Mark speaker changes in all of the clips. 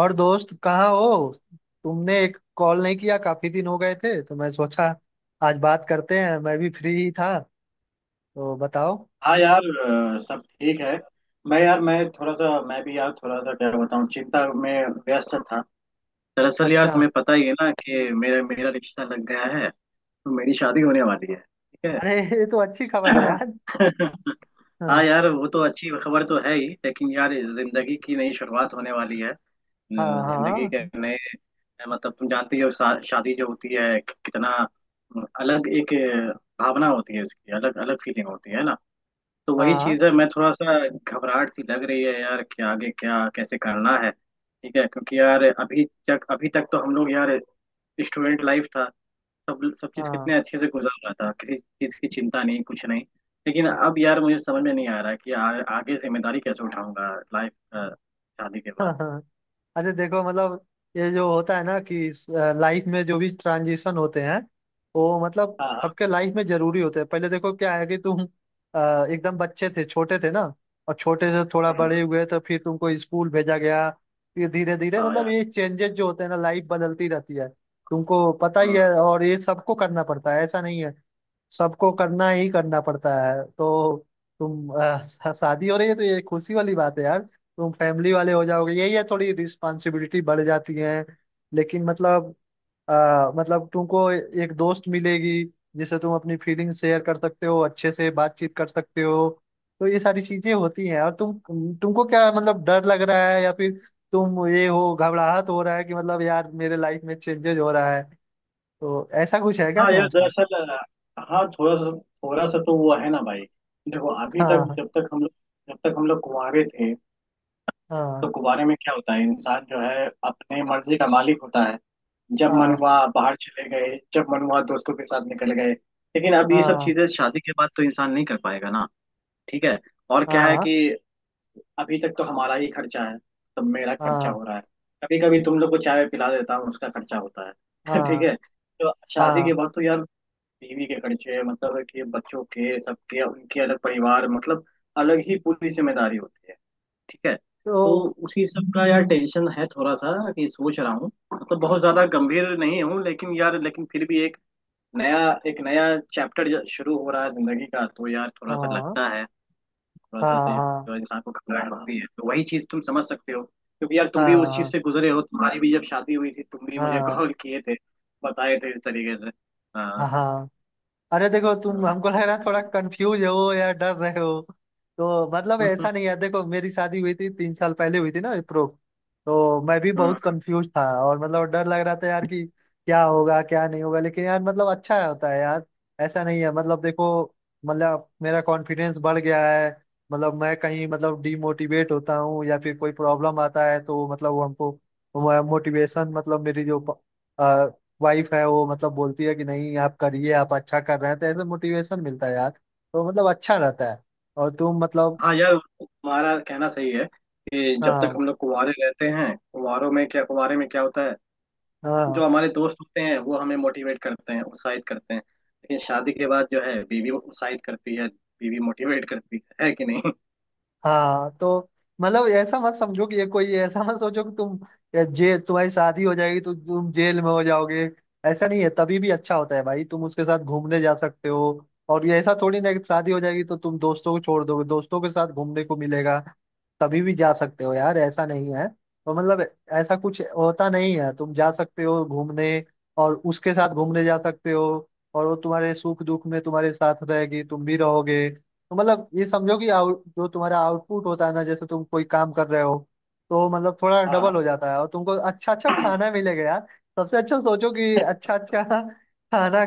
Speaker 1: और दोस्त कहाँ हो। तुमने एक कॉल नहीं किया, काफी दिन हो गए थे तो मैं सोचा आज बात करते हैं। मैं भी फ्री ही था, तो बताओ।
Speaker 2: हाँ यार, सब ठीक है। मैं यार, मैं थोड़ा सा, मैं भी यार, थोड़ा सा क्या बताऊँ, चिंता में व्यस्त था। दरअसल यार,
Speaker 1: अच्छा।
Speaker 2: तुम्हें पता ही है ना कि मेरा मेरा रिश्ता लग गया है, तो मेरी शादी होने वाली है। ठीक है।
Speaker 1: अरे, ये तो अच्छी खबर है यार।
Speaker 2: हाँ
Speaker 1: हाँ।
Speaker 2: यार, वो तो अच्छी खबर तो है ही, लेकिन यार जिंदगी की नई शुरुआत होने वाली है।
Speaker 1: हाँ।
Speaker 2: जिंदगी के
Speaker 1: हाँ।
Speaker 2: नए मतलब, तुम जानती हो शादी जो होती है, कितना अलग एक भावना होती है, इसकी अलग अलग फीलिंग होती है ना। तो वही
Speaker 1: हाँ।
Speaker 2: चीज है, मैं थोड़ा सा, घबराहट सी लग रही है यार कि आगे क्या कैसे करना है। ठीक है, क्योंकि यार अभी तक तो हम लोग यार स्टूडेंट लाइफ था। सब सब चीज
Speaker 1: हाँ।
Speaker 2: कितने अच्छे से गुजर रहा था, किसी चीज की चिंता नहीं, कुछ नहीं। लेकिन अब यार मुझे समझ में नहीं आ रहा कि आगे जिम्मेदारी कैसे उठाऊंगा, लाइफ शादी के बाद।
Speaker 1: हाँ। अरे देखो, मतलब ये जो होता है ना कि लाइफ में जो भी ट्रांजिशन होते हैं, वो मतलब
Speaker 2: हाँ हाँ।
Speaker 1: सबके लाइफ में जरूरी होते हैं। पहले देखो क्या है कि तुम एकदम बच्चे थे, छोटे थे ना। और छोटे से थोड़ा
Speaker 2: हम्म,
Speaker 1: बड़े
Speaker 2: हम्म।
Speaker 1: हुए तो फिर तुमको स्कूल भेजा गया। फिर धीरे धीरे
Speaker 2: हाँ
Speaker 1: मतलब
Speaker 2: यार।
Speaker 1: ये चेंजेस जो होते हैं ना, लाइफ बदलती रहती है। तुमको पता ही
Speaker 2: हम्म।
Speaker 1: है, और ये सबको करना पड़ता है, ऐसा नहीं है, सबको करना ही करना पड़ता है। तो तुम शादी हो रही है तो ये खुशी वाली बात है यार। तुम फैमिली वाले हो जाओगे, यही है, थोड़ी रिस्पॉन्सिबिलिटी बढ़ जाती है। लेकिन मतलब मतलब तुमको एक दोस्त मिलेगी जिससे तुम अपनी फीलिंग शेयर कर सकते हो, अच्छे से बातचीत कर सकते हो। तो ये सारी चीजें होती हैं। और तुमको क्या मतलब डर लग रहा है या फिर तुम ये हो घबराहट हो रहा है कि मतलब यार मेरे लाइफ में चेंजेस हो रहा है, तो ऐसा कुछ है क्या
Speaker 2: हाँ यार
Speaker 1: तुम्हारे साथ?
Speaker 2: दरअसल हाँ, थोड़ा सा तो वो है ना भाई। देखो, अभी तक
Speaker 1: हाँ।
Speaker 2: जब तक हम लोग कुंवारे थे,
Speaker 1: हाँ।
Speaker 2: तो कुवारे में क्या होता है, इंसान जो है अपने मर्जी का मालिक होता है। जब मन
Speaker 1: हाँ।
Speaker 2: हुआ बाहर चले गए, जब मन हुआ दोस्तों के साथ निकल गए, लेकिन अब ये सब
Speaker 1: हाँ।
Speaker 2: चीजें शादी के बाद तो इंसान नहीं कर पाएगा ना। ठीक है। और क्या है
Speaker 1: हाँ।
Speaker 2: कि अभी तक तो हमारा ही खर्चा है, तो मेरा खर्चा
Speaker 1: हाँ।
Speaker 2: हो रहा है, कभी कभी तुम लोग को चाय पिला देता हूँ, उसका खर्चा होता है। ठीक
Speaker 1: हाँ।
Speaker 2: है, तो शादी
Speaker 1: हाँ।
Speaker 2: के बाद तो यार बीवी के खर्चे, मतलब कि बच्चों के, सबके, उनके अलग परिवार, मतलब अलग ही पूरी जिम्मेदारी होती है। ठीक है, तो
Speaker 1: तो
Speaker 2: उसी सब का यार टेंशन है थोड़ा सा, कि सोच रहा हूँ मतलब बहुत ज्यादा गंभीर नहीं हूँ, लेकिन यार, लेकिन फिर भी एक नया, एक नया चैप्टर शुरू हो रहा है जिंदगी का, तो यार थोड़ा सा
Speaker 1: हाँ।
Speaker 2: लगता है, थोड़ा सा
Speaker 1: हाँ।
Speaker 2: तो
Speaker 1: हाँ।
Speaker 2: जो इंसान को घबराहट होती है, तो वही चीज तुम समझ सकते हो, क्योंकि यार तुम भी उस चीज
Speaker 1: हाँ।
Speaker 2: से गुजरे हो, तुम्हारी भी जब शादी हुई थी, तुम भी मुझे
Speaker 1: हाँ।
Speaker 2: कॉल किए थे, बताए थे इस तरीके से। हाँ।
Speaker 1: हाँ। हाँ। अरे देखो, तुम,
Speaker 2: हाँ।
Speaker 1: हमको लग रहा है थोड़ा कंफ्यूज हो या डर रहे हो, तो मतलब
Speaker 2: हम्म।
Speaker 1: ऐसा नहीं है। देखो, मेरी शादी हुई थी, 3 साल पहले हुई थी ना विप्रो। तो मैं भी बहुत कंफ्यूज था, और मतलब डर लग रहा था यार कि क्या होगा क्या नहीं होगा, लेकिन यार मतलब अच्छा होता है यार। ऐसा नहीं है, मतलब देखो, मतलब मेरा कॉन्फिडेंस बढ़ गया है। मतलब मैं कहीं मतलब डीमोटिवेट होता हूँ या फिर कोई प्रॉब्लम आता है तो मतलब वो हमको मोटिवेशन, मतलब मेरी जो वाइफ है वो मतलब बोलती है कि नहीं आप करिए, आप अच्छा कर रहे हैं, तो ऐसे मोटिवेशन मिलता है यार, तो मतलब अच्छा रहता है। और तुम मतलब।
Speaker 2: हाँ यार, तुम्हारा कहना सही है कि जब तक
Speaker 1: हाँ।
Speaker 2: हम लोग कुंवारे रहते हैं, कुंवारों में क्या कुंवारे में क्या होता है,
Speaker 1: हाँ।
Speaker 2: जो हमारे दोस्त होते हैं वो हमें मोटिवेट करते हैं, उत्साहित करते हैं, लेकिन शादी के बाद जो है बीवी उत्साहित करती है, बीवी मोटिवेट करती है कि नहीं।
Speaker 1: हाँ। तो मतलब ऐसा मत समझो कि ये कोई, ऐसा मत सोचो कि तुम या जे तुम्हारी शादी हो जाएगी तो तुम जेल में हो जाओगे। ऐसा नहीं है, तभी भी अच्छा होता है भाई, तुम उसके साथ घूमने जा सकते हो, और ये ऐसा थोड़ी ना है कि शादी हो जाएगी तो तुम दोस्तों को छोड़ दोगे, दोस्तों के साथ घूमने को मिलेगा। तभी भी जा सकते हो यार, ऐसा नहीं है, तो मतलब ऐसा कुछ होता नहीं है। तुम जा सकते हो घूमने, और उसके साथ घूमने जा सकते हो। और वो तुम्हारे सुख दुख में तुम्हारे साथ रहेगी, तुम भी रहोगे। तो मतलब ये समझो कि आउट जो तुम्हारा आउटपुट होता है ना, जैसे तुम कोई काम कर रहे हो, तो मतलब थोड़ा
Speaker 2: हाँ,
Speaker 1: डबल हो जाता है, और तुमको अच्छा अच्छा खाना मिलेगा यार। सबसे अच्छा सोचो कि अच्छा अच्छा खाना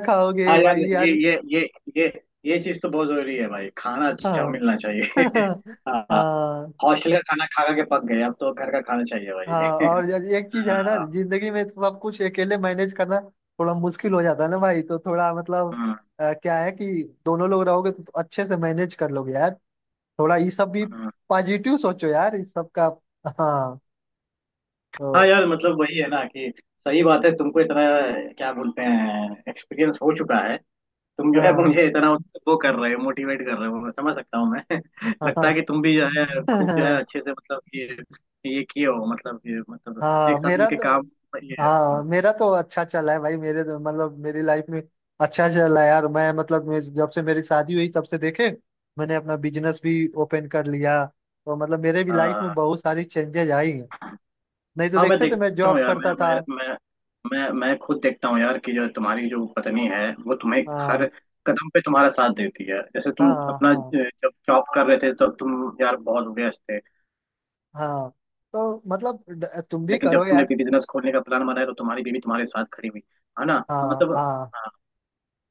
Speaker 2: हाँ
Speaker 1: खाओगे
Speaker 2: यार,
Speaker 1: भाई यार।
Speaker 2: ये ये चीज तो बहुत जरूरी है भाई, खाना अच्छा
Speaker 1: हाँ।
Speaker 2: मिलना चाहिए। हाँ।
Speaker 1: हाँ।
Speaker 2: हॉस्टल का खाना खा खा के पक गए, अब तो घर का खाना चाहिए
Speaker 1: हाँ।
Speaker 2: भाई।
Speaker 1: और यार एक चीज है ना,
Speaker 2: हाँ,
Speaker 1: जिंदगी में तो सब कुछ अकेले मैनेज करना थोड़ा मुश्किल हो जाता है ना भाई। तो थोड़ा मतलब
Speaker 2: हाँ,
Speaker 1: क्या है कि दोनों लोग रहोगे तो अच्छे से मैनेज कर लोगे यार। थोड़ा ये सब भी
Speaker 2: हाँ,
Speaker 1: पॉजिटिव सोचो यार, इस सब का। हाँ।
Speaker 2: हाँ
Speaker 1: तो
Speaker 2: यार, मतलब वही है ना कि, सही बात है, तुमको इतना, क्या बोलते हैं, एक्सपीरियंस हो चुका है। तुम जो है
Speaker 1: हाँ।
Speaker 2: मुझे इतना वो कर रहे हो, मोटिवेट कर रहे हो, मैं समझ सकता हूँ। मैं लगता है
Speaker 1: हाँ।
Speaker 2: कि तुम भी जो है खूब जो है अच्छे से, मतलब कि ये किए हो, मतलब ये, मतलब एक
Speaker 1: हाँ
Speaker 2: साथ
Speaker 1: मेरा
Speaker 2: मिलके
Speaker 1: तो
Speaker 2: काम, ये,
Speaker 1: हाँ
Speaker 2: हाँ।
Speaker 1: मेरा तो अच्छा चला है भाई, मेरे मतलब मेरी लाइफ में अच्छा चला है यार। मैं मतलब जब से मेरी शादी हुई तब से देखे, मैंने अपना बिजनेस भी ओपन कर लिया, तो मतलब मेरे भी लाइफ में
Speaker 2: हाँ,
Speaker 1: बहुत सारी चेंजेस आई हैं। नहीं तो
Speaker 2: हाँ, मैं
Speaker 1: देखते तो मैं
Speaker 2: देखता हूँ
Speaker 1: जॉब
Speaker 2: यार,
Speaker 1: करता था।
Speaker 2: मैं खुद देखता हूँ यार, कि जो तुम्हारी जो पत्नी है वो तुम्हें हर
Speaker 1: हाँ।
Speaker 2: कदम पे तुम्हारा साथ देती है, जैसे तुम
Speaker 1: हाँ।
Speaker 2: अपना
Speaker 1: हाँ।
Speaker 2: जब जॉब कर रहे थे तब तुम यार बहुत व्यस्त थे,
Speaker 1: हाँ। तो मतलब तुम भी
Speaker 2: लेकिन जब
Speaker 1: करो
Speaker 2: तुमने
Speaker 1: यार।
Speaker 2: भी बिजनेस खोलने का प्लान बनाया तो तुम्हारी बीवी तुम्हारे साथ खड़ी हुई, है ना। हाँ,
Speaker 1: हाँ।
Speaker 2: मतलब,
Speaker 1: हाँ।
Speaker 2: हाँ,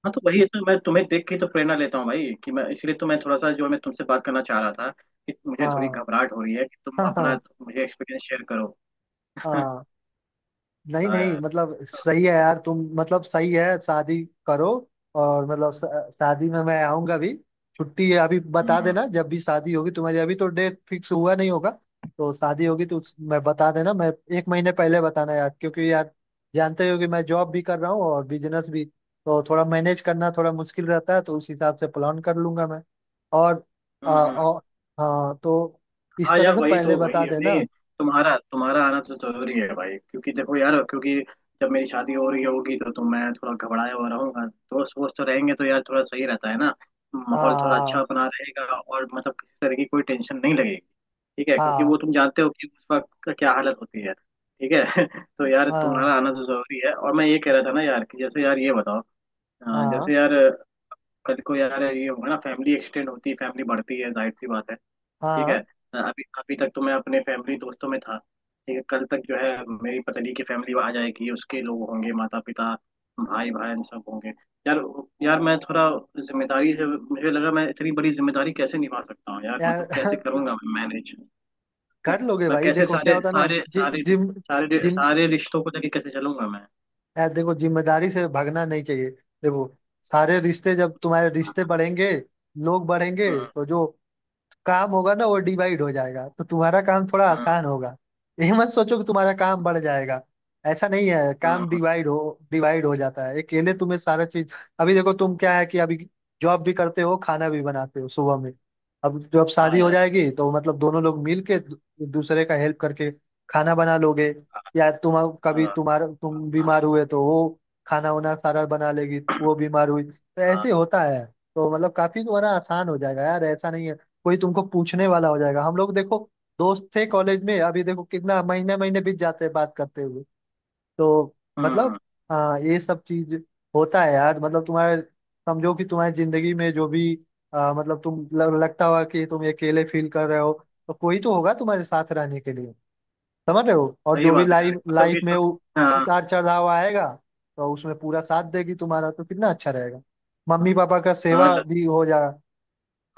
Speaker 2: हाँ, तो वही है, तो मैं तुम्हें देख के तो प्रेरणा लेता हूँ भाई, कि मैं, इसलिए तो मैं थोड़ा सा, जो मैं तुमसे बात करना चाह रहा था, कि मुझे थोड़ी
Speaker 1: हाँ।
Speaker 2: घबराहट हो रही है, कि तुम
Speaker 1: हाँ।
Speaker 2: अपना
Speaker 1: हाँ।
Speaker 2: मुझे एक्सपीरियंस शेयर करो।
Speaker 1: हाँ। नहीं
Speaker 2: हाँ
Speaker 1: नहीं,
Speaker 2: यार।
Speaker 1: मतलब सही है यार, तुम मतलब सही है, शादी करो। और मतलब शादी में मैं आऊंगा भी, छुट्टी है, अभी बता
Speaker 2: हम्म।
Speaker 1: देना जब भी शादी होगी तुम्हारी। अभी तो डेट फिक्स हुआ नहीं होगा तो शादी होगी तो मैं बता देना। मैं एक महीने पहले बताना यार, क्योंकि यार जानते हो कि मैं जॉब भी कर रहा हूँ और बिजनेस भी, तो थोड़ा मैनेज करना थोड़ा मुश्किल रहता है, तो उस हिसाब से प्लान कर लूंगा मैं। और, आ,
Speaker 2: हम्म। हम्म।
Speaker 1: और हाँ तो इस
Speaker 2: हाँ
Speaker 1: तरह
Speaker 2: यार
Speaker 1: से
Speaker 2: वही,
Speaker 1: पहले
Speaker 2: तो वही
Speaker 1: बता
Speaker 2: है,
Speaker 1: देना।
Speaker 2: नहीं, तुम्हारा तुम्हारा आना तो जरूरी है भाई, क्योंकि देखो यार, क्योंकि जब मेरी शादी हो रही होगी तो मैं थोड़ा घबराया हुआ रहूंगा, दोस्त वोस्त तो रहेंगे तो यार थोड़ा सही रहता है ना, माहौल थोड़ा अच्छा
Speaker 1: हाँ।
Speaker 2: अपना रहेगा, और मतलब किसी तरह की कोई टेंशन नहीं लगेगी। ठीक है, क्योंकि
Speaker 1: हाँ।
Speaker 2: वो तुम जानते हो कि उस वक्त का क्या हालत होती है। ठीक है। तो यार
Speaker 1: हाँ।
Speaker 2: तुम्हारा आना तो जरूरी है, और मैं ये कह रहा था ना यार, कि जैसे यार ये बताओ,
Speaker 1: हाँ।
Speaker 2: जैसे
Speaker 1: हाँ।
Speaker 2: यार कल को यार ये होगा ना, फैमिली एक्सटेंड होती है, फैमिली बढ़ती है, जाहिर सी बात है। ठीक है।
Speaker 1: हाँ।
Speaker 2: अभी अभी तक तो मैं अपने फैमिली दोस्तों में था। ठीक है, कल तक जो है मेरी पतली की फैमिली आ जाएगी, उसके लोग होंगे, माता पिता, भाई बहन, सब होंगे। यार, यार मैं थोड़ा जिम्मेदारी से, मुझे लगा मैं इतनी बड़ी जिम्मेदारी कैसे निभा सकता हूँ यार,
Speaker 1: यार
Speaker 2: मतलब कैसे करूंगा मैं मैनेज,
Speaker 1: कर लोगे
Speaker 2: मैं
Speaker 1: भाई।
Speaker 2: कैसे
Speaker 1: देखो क्या
Speaker 2: सारे
Speaker 1: होता है ना,
Speaker 2: सारे
Speaker 1: जि,
Speaker 2: सारे
Speaker 1: जिम
Speaker 2: सारे
Speaker 1: जिम
Speaker 2: सारे रिश्तों को लेके कैसे चलूंगा मैं।
Speaker 1: यार देखो, जिम्मेदारी से भागना नहीं चाहिए। देखो सारे रिश्ते, जब तुम्हारे रिश्ते बढ़ेंगे, लोग बढ़ेंगे,
Speaker 2: हम्म,
Speaker 1: तो जो काम होगा ना वो डिवाइड हो जाएगा, तो तुम्हारा काम थोड़ा
Speaker 2: हम्म,
Speaker 1: आसान होगा। ये मत सोचो कि तुम्हारा काम बढ़ जाएगा, ऐसा नहीं है। काम
Speaker 2: हम्म,
Speaker 1: डिवाइड हो जाता है, अकेले तुम्हें सारा चीज। अभी देखो तुम, क्या है कि अभी जॉब भी करते हो, खाना भी बनाते हो सुबह में। अब जब
Speaker 2: हाँ
Speaker 1: शादी
Speaker 2: हाँ
Speaker 1: हो
Speaker 2: यार।
Speaker 1: जाएगी तो मतलब दोनों लोग मिल के एक दूसरे का हेल्प करके खाना बना लोगे। या तुम, कभी
Speaker 2: हाँ
Speaker 1: तुम बीमार हुए तो वो खाना वाना सारा बना लेगी, वो बीमार हुई तो
Speaker 2: हाँ।
Speaker 1: ऐसे होता है। तो मतलब काफी तुम्हारा आसान हो जाएगा यार, ऐसा नहीं है। कोई तुमको पूछने वाला हो जाएगा। हम लोग देखो, दोस्त थे कॉलेज में, अभी देखो कितना महीने महीने बीत जाते हैं बात करते हुए। तो
Speaker 2: हम्म।
Speaker 1: मतलब, हाँ, ये सब चीज होता है यार। मतलब तुम्हारे, समझो कि तुम्हारी जिंदगी में जो भी मतलब तुम लगता हुआ कि तुम अकेले फील कर रहे हो, तो कोई तो होगा तुम्हारे साथ रहने के लिए, समझ रहे हो। और
Speaker 2: सही
Speaker 1: जो भी
Speaker 2: बात है यार,
Speaker 1: लाइफ
Speaker 2: मतलब कि
Speaker 1: लाइफ में
Speaker 2: तो, हाँ
Speaker 1: उतार चढ़ाव आएगा तो उसमें पूरा साथ देगी तुम्हारा, तो कितना अच्छा रहेगा। मम्मी पापा का
Speaker 2: हाँ।
Speaker 1: सेवा भी हो जाएगा।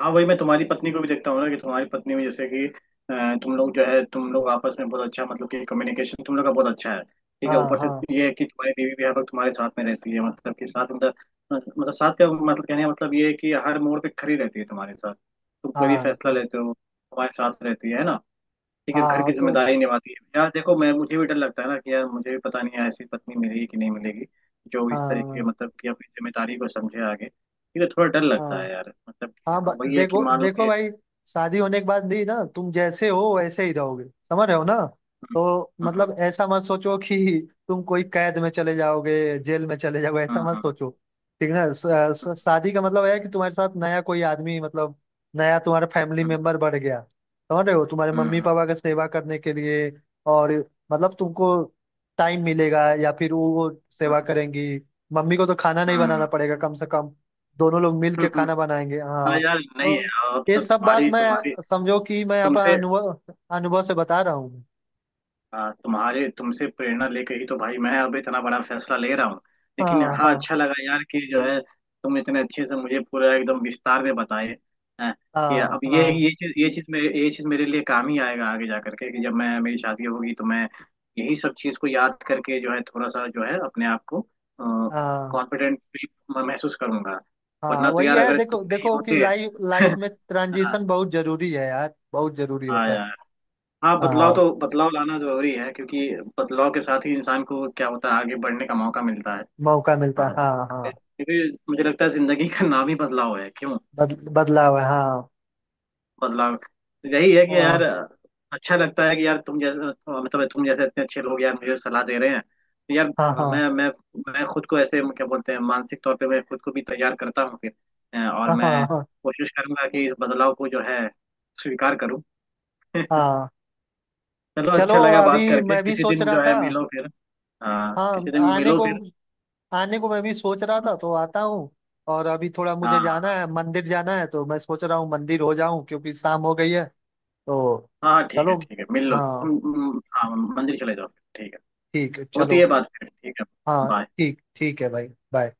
Speaker 2: हाँ, वही, मैं तुम्हारी पत्नी को भी देखता हूँ ना, कि तुम्हारी पत्नी में जैसे कि तुम लोग जो है, तुम लोग आपस में बहुत अच्छा, मतलब कि कम्युनिकेशन तुम लोग का बहुत अच्छा है। ठीक है,
Speaker 1: हाँ।
Speaker 2: ऊपर से
Speaker 1: हाँ।
Speaker 2: ये है कि तुम्हारी बीवी भी हर वक्त तुम्हारे साथ में रहती है, मतलब कि साथ, मतलब, मतलब साथ का मतलब, कहने का मतलब ये है कि हर मोड़ पे खड़ी रहती है तुम्हारे साथ, तुम कोई भी
Speaker 1: हाँ।
Speaker 2: फैसला
Speaker 1: तो
Speaker 2: लेते हो तुम्हारे साथ रहती है ना। ठीक है, घर
Speaker 1: हाँ।
Speaker 2: की
Speaker 1: तो
Speaker 2: जिम्मेदारी निभाती है यार। देखो मैं, मुझे भी डर लगता है ना कि यार मुझे भी पता नहीं है ऐसी पत्नी मिलेगी कि नहीं मिलेगी, जो इस तरीके,
Speaker 1: हाँ।
Speaker 2: मतलब कि अपनी जिम्मेदारी को समझे आगे। ठीक है, थोड़ा डर लगता
Speaker 1: हाँ।
Speaker 2: है यार, मतलब कि
Speaker 1: हाँ।
Speaker 2: अब वही है कि
Speaker 1: देखो
Speaker 2: मान लो
Speaker 1: देखो
Speaker 2: कि,
Speaker 1: भाई, शादी होने के बाद भी ना तुम जैसे हो वैसे ही रहोगे, समझ रहे हो ना। तो
Speaker 2: हाँ
Speaker 1: मतलब ऐसा मत सोचो कि तुम कोई कैद में चले जाओगे, जेल में चले जाओगे, ऐसा
Speaker 2: हाँ।
Speaker 1: मत
Speaker 2: हाँ
Speaker 1: सोचो, ठीक ना। शादी का मतलब है कि तुम्हारे साथ नया कोई आदमी, मतलब नया तुम्हारा फैमिली
Speaker 2: हाँ
Speaker 1: मेंबर बढ़ गया, समझ रहे हो, तुम्हारे मम्मी
Speaker 2: हाँ
Speaker 1: पापा का सेवा करने के लिए। और मतलब तुमको टाइम मिलेगा या फिर वो सेवा
Speaker 2: हाँ।
Speaker 1: करेंगी। मम्मी को तो खाना नहीं बनाना पड़ेगा कम से कम, दोनों लोग मिल
Speaker 2: हाँ
Speaker 1: के खाना बनाएंगे।
Speaker 2: हाँ
Speaker 1: हाँ।
Speaker 2: यार, नहीं
Speaker 1: तो
Speaker 2: है, अब
Speaker 1: ये
Speaker 2: तब
Speaker 1: सब बात
Speaker 2: तुम्हारी
Speaker 1: मैं,
Speaker 2: तुम्हारी
Speaker 1: समझो कि मैं अपना
Speaker 2: तुमसे,
Speaker 1: अनुभव अनुभव से बता रहा हूँ।
Speaker 2: हाँ, तुम्हारे, तुमसे प्रेरणा लेके ही तो भाई मैं अब इतना बड़ा फैसला ले रहा हूँ। लेकिन
Speaker 1: हाँ।
Speaker 2: हाँ,
Speaker 1: हाँ।
Speaker 2: अच्छा लगा यार कि जो है तुम इतने अच्छे से मुझे पूरा एकदम विस्तार में बताए हैं, कि
Speaker 1: हाँ।
Speaker 2: अब
Speaker 1: हाँ।
Speaker 2: ये चीज मेरे लिए काम ही आएगा आगे जा करके, कि जब मैं, मेरी शादी होगी तो मैं यही सब चीज को याद करके जो है, थोड़ा सा जो है, अपने आप को
Speaker 1: हाँ।
Speaker 2: कॉन्फिडेंट फील महसूस करूंगा,
Speaker 1: हाँ
Speaker 2: वरना तो
Speaker 1: वही
Speaker 2: यार
Speaker 1: है,
Speaker 2: अगर
Speaker 1: देखो
Speaker 2: तुम नहीं
Speaker 1: देखो कि
Speaker 2: होते।
Speaker 1: लाइफ लाइफ में
Speaker 2: हाँ।
Speaker 1: ट्रांजिशन बहुत जरूरी है यार, बहुत जरूरी
Speaker 2: हाँ
Speaker 1: होता है।
Speaker 2: यार। हाँ, बदलाव तो
Speaker 1: हाँ
Speaker 2: बदलाव लाना जरूरी है, क्योंकि बदलाव के साथ ही इंसान को क्या होता है, आगे बढ़ने का मौका मिलता है।
Speaker 1: मौका मिलता है,
Speaker 2: हाँ,
Speaker 1: हाँ। हाँ।
Speaker 2: क्योंकि मुझे लगता है जिंदगी का नाम ही बदलाव है, क्यों,
Speaker 1: बदलाव है, हाँ।
Speaker 2: बदलाव। यही है कि यार,
Speaker 1: हाँ।
Speaker 2: अच्छा लगता है कि यार तुम जैसे, मतलब तुम जैसे इतने अच्छे लोग यार मुझे सलाह दे रहे हैं, तो यार
Speaker 1: हाँ। हाँ।
Speaker 2: मैं मैं मैं खुद को ऐसे, क्या बोलते हैं, मानसिक तौर पे मैं खुद को भी तैयार करता हूँ फिर, और
Speaker 1: हाँ।
Speaker 2: मैं
Speaker 1: हाँ। हाँ।
Speaker 2: कोशिश करूंगा कि इस बदलाव को जो है स्वीकार करूँ।
Speaker 1: हाँ।
Speaker 2: चलो,
Speaker 1: चलो
Speaker 2: अच्छा लगा बात
Speaker 1: अभी
Speaker 2: करके,
Speaker 1: मैं भी
Speaker 2: किसी
Speaker 1: सोच
Speaker 2: दिन
Speaker 1: रहा
Speaker 2: जो है
Speaker 1: था।
Speaker 2: मिलो फिर। हाँ,
Speaker 1: हाँ,
Speaker 2: किसी दिन
Speaker 1: आने
Speaker 2: मिलो
Speaker 1: को,
Speaker 2: फिर।
Speaker 1: आने को मैं भी सोच रहा था, तो आता हूँ। और अभी थोड़ा मुझे जाना
Speaker 2: हाँ
Speaker 1: है, मंदिर जाना है तो मैं सोच रहा हूँ मंदिर हो जाऊं क्योंकि शाम हो गई है, तो
Speaker 2: हाँ, ठीक है,
Speaker 1: चलो।
Speaker 2: ठीक है, मिल लो
Speaker 1: हाँ
Speaker 2: तुम। हाँ, मंदिर चले जाओ फिर, ठीक है,
Speaker 1: ठीक है,
Speaker 2: होती
Speaker 1: चलो।
Speaker 2: है बात फिर, ठीक है।
Speaker 1: हाँ,
Speaker 2: बाय।
Speaker 1: ठीक ठीक है भाई, बाय।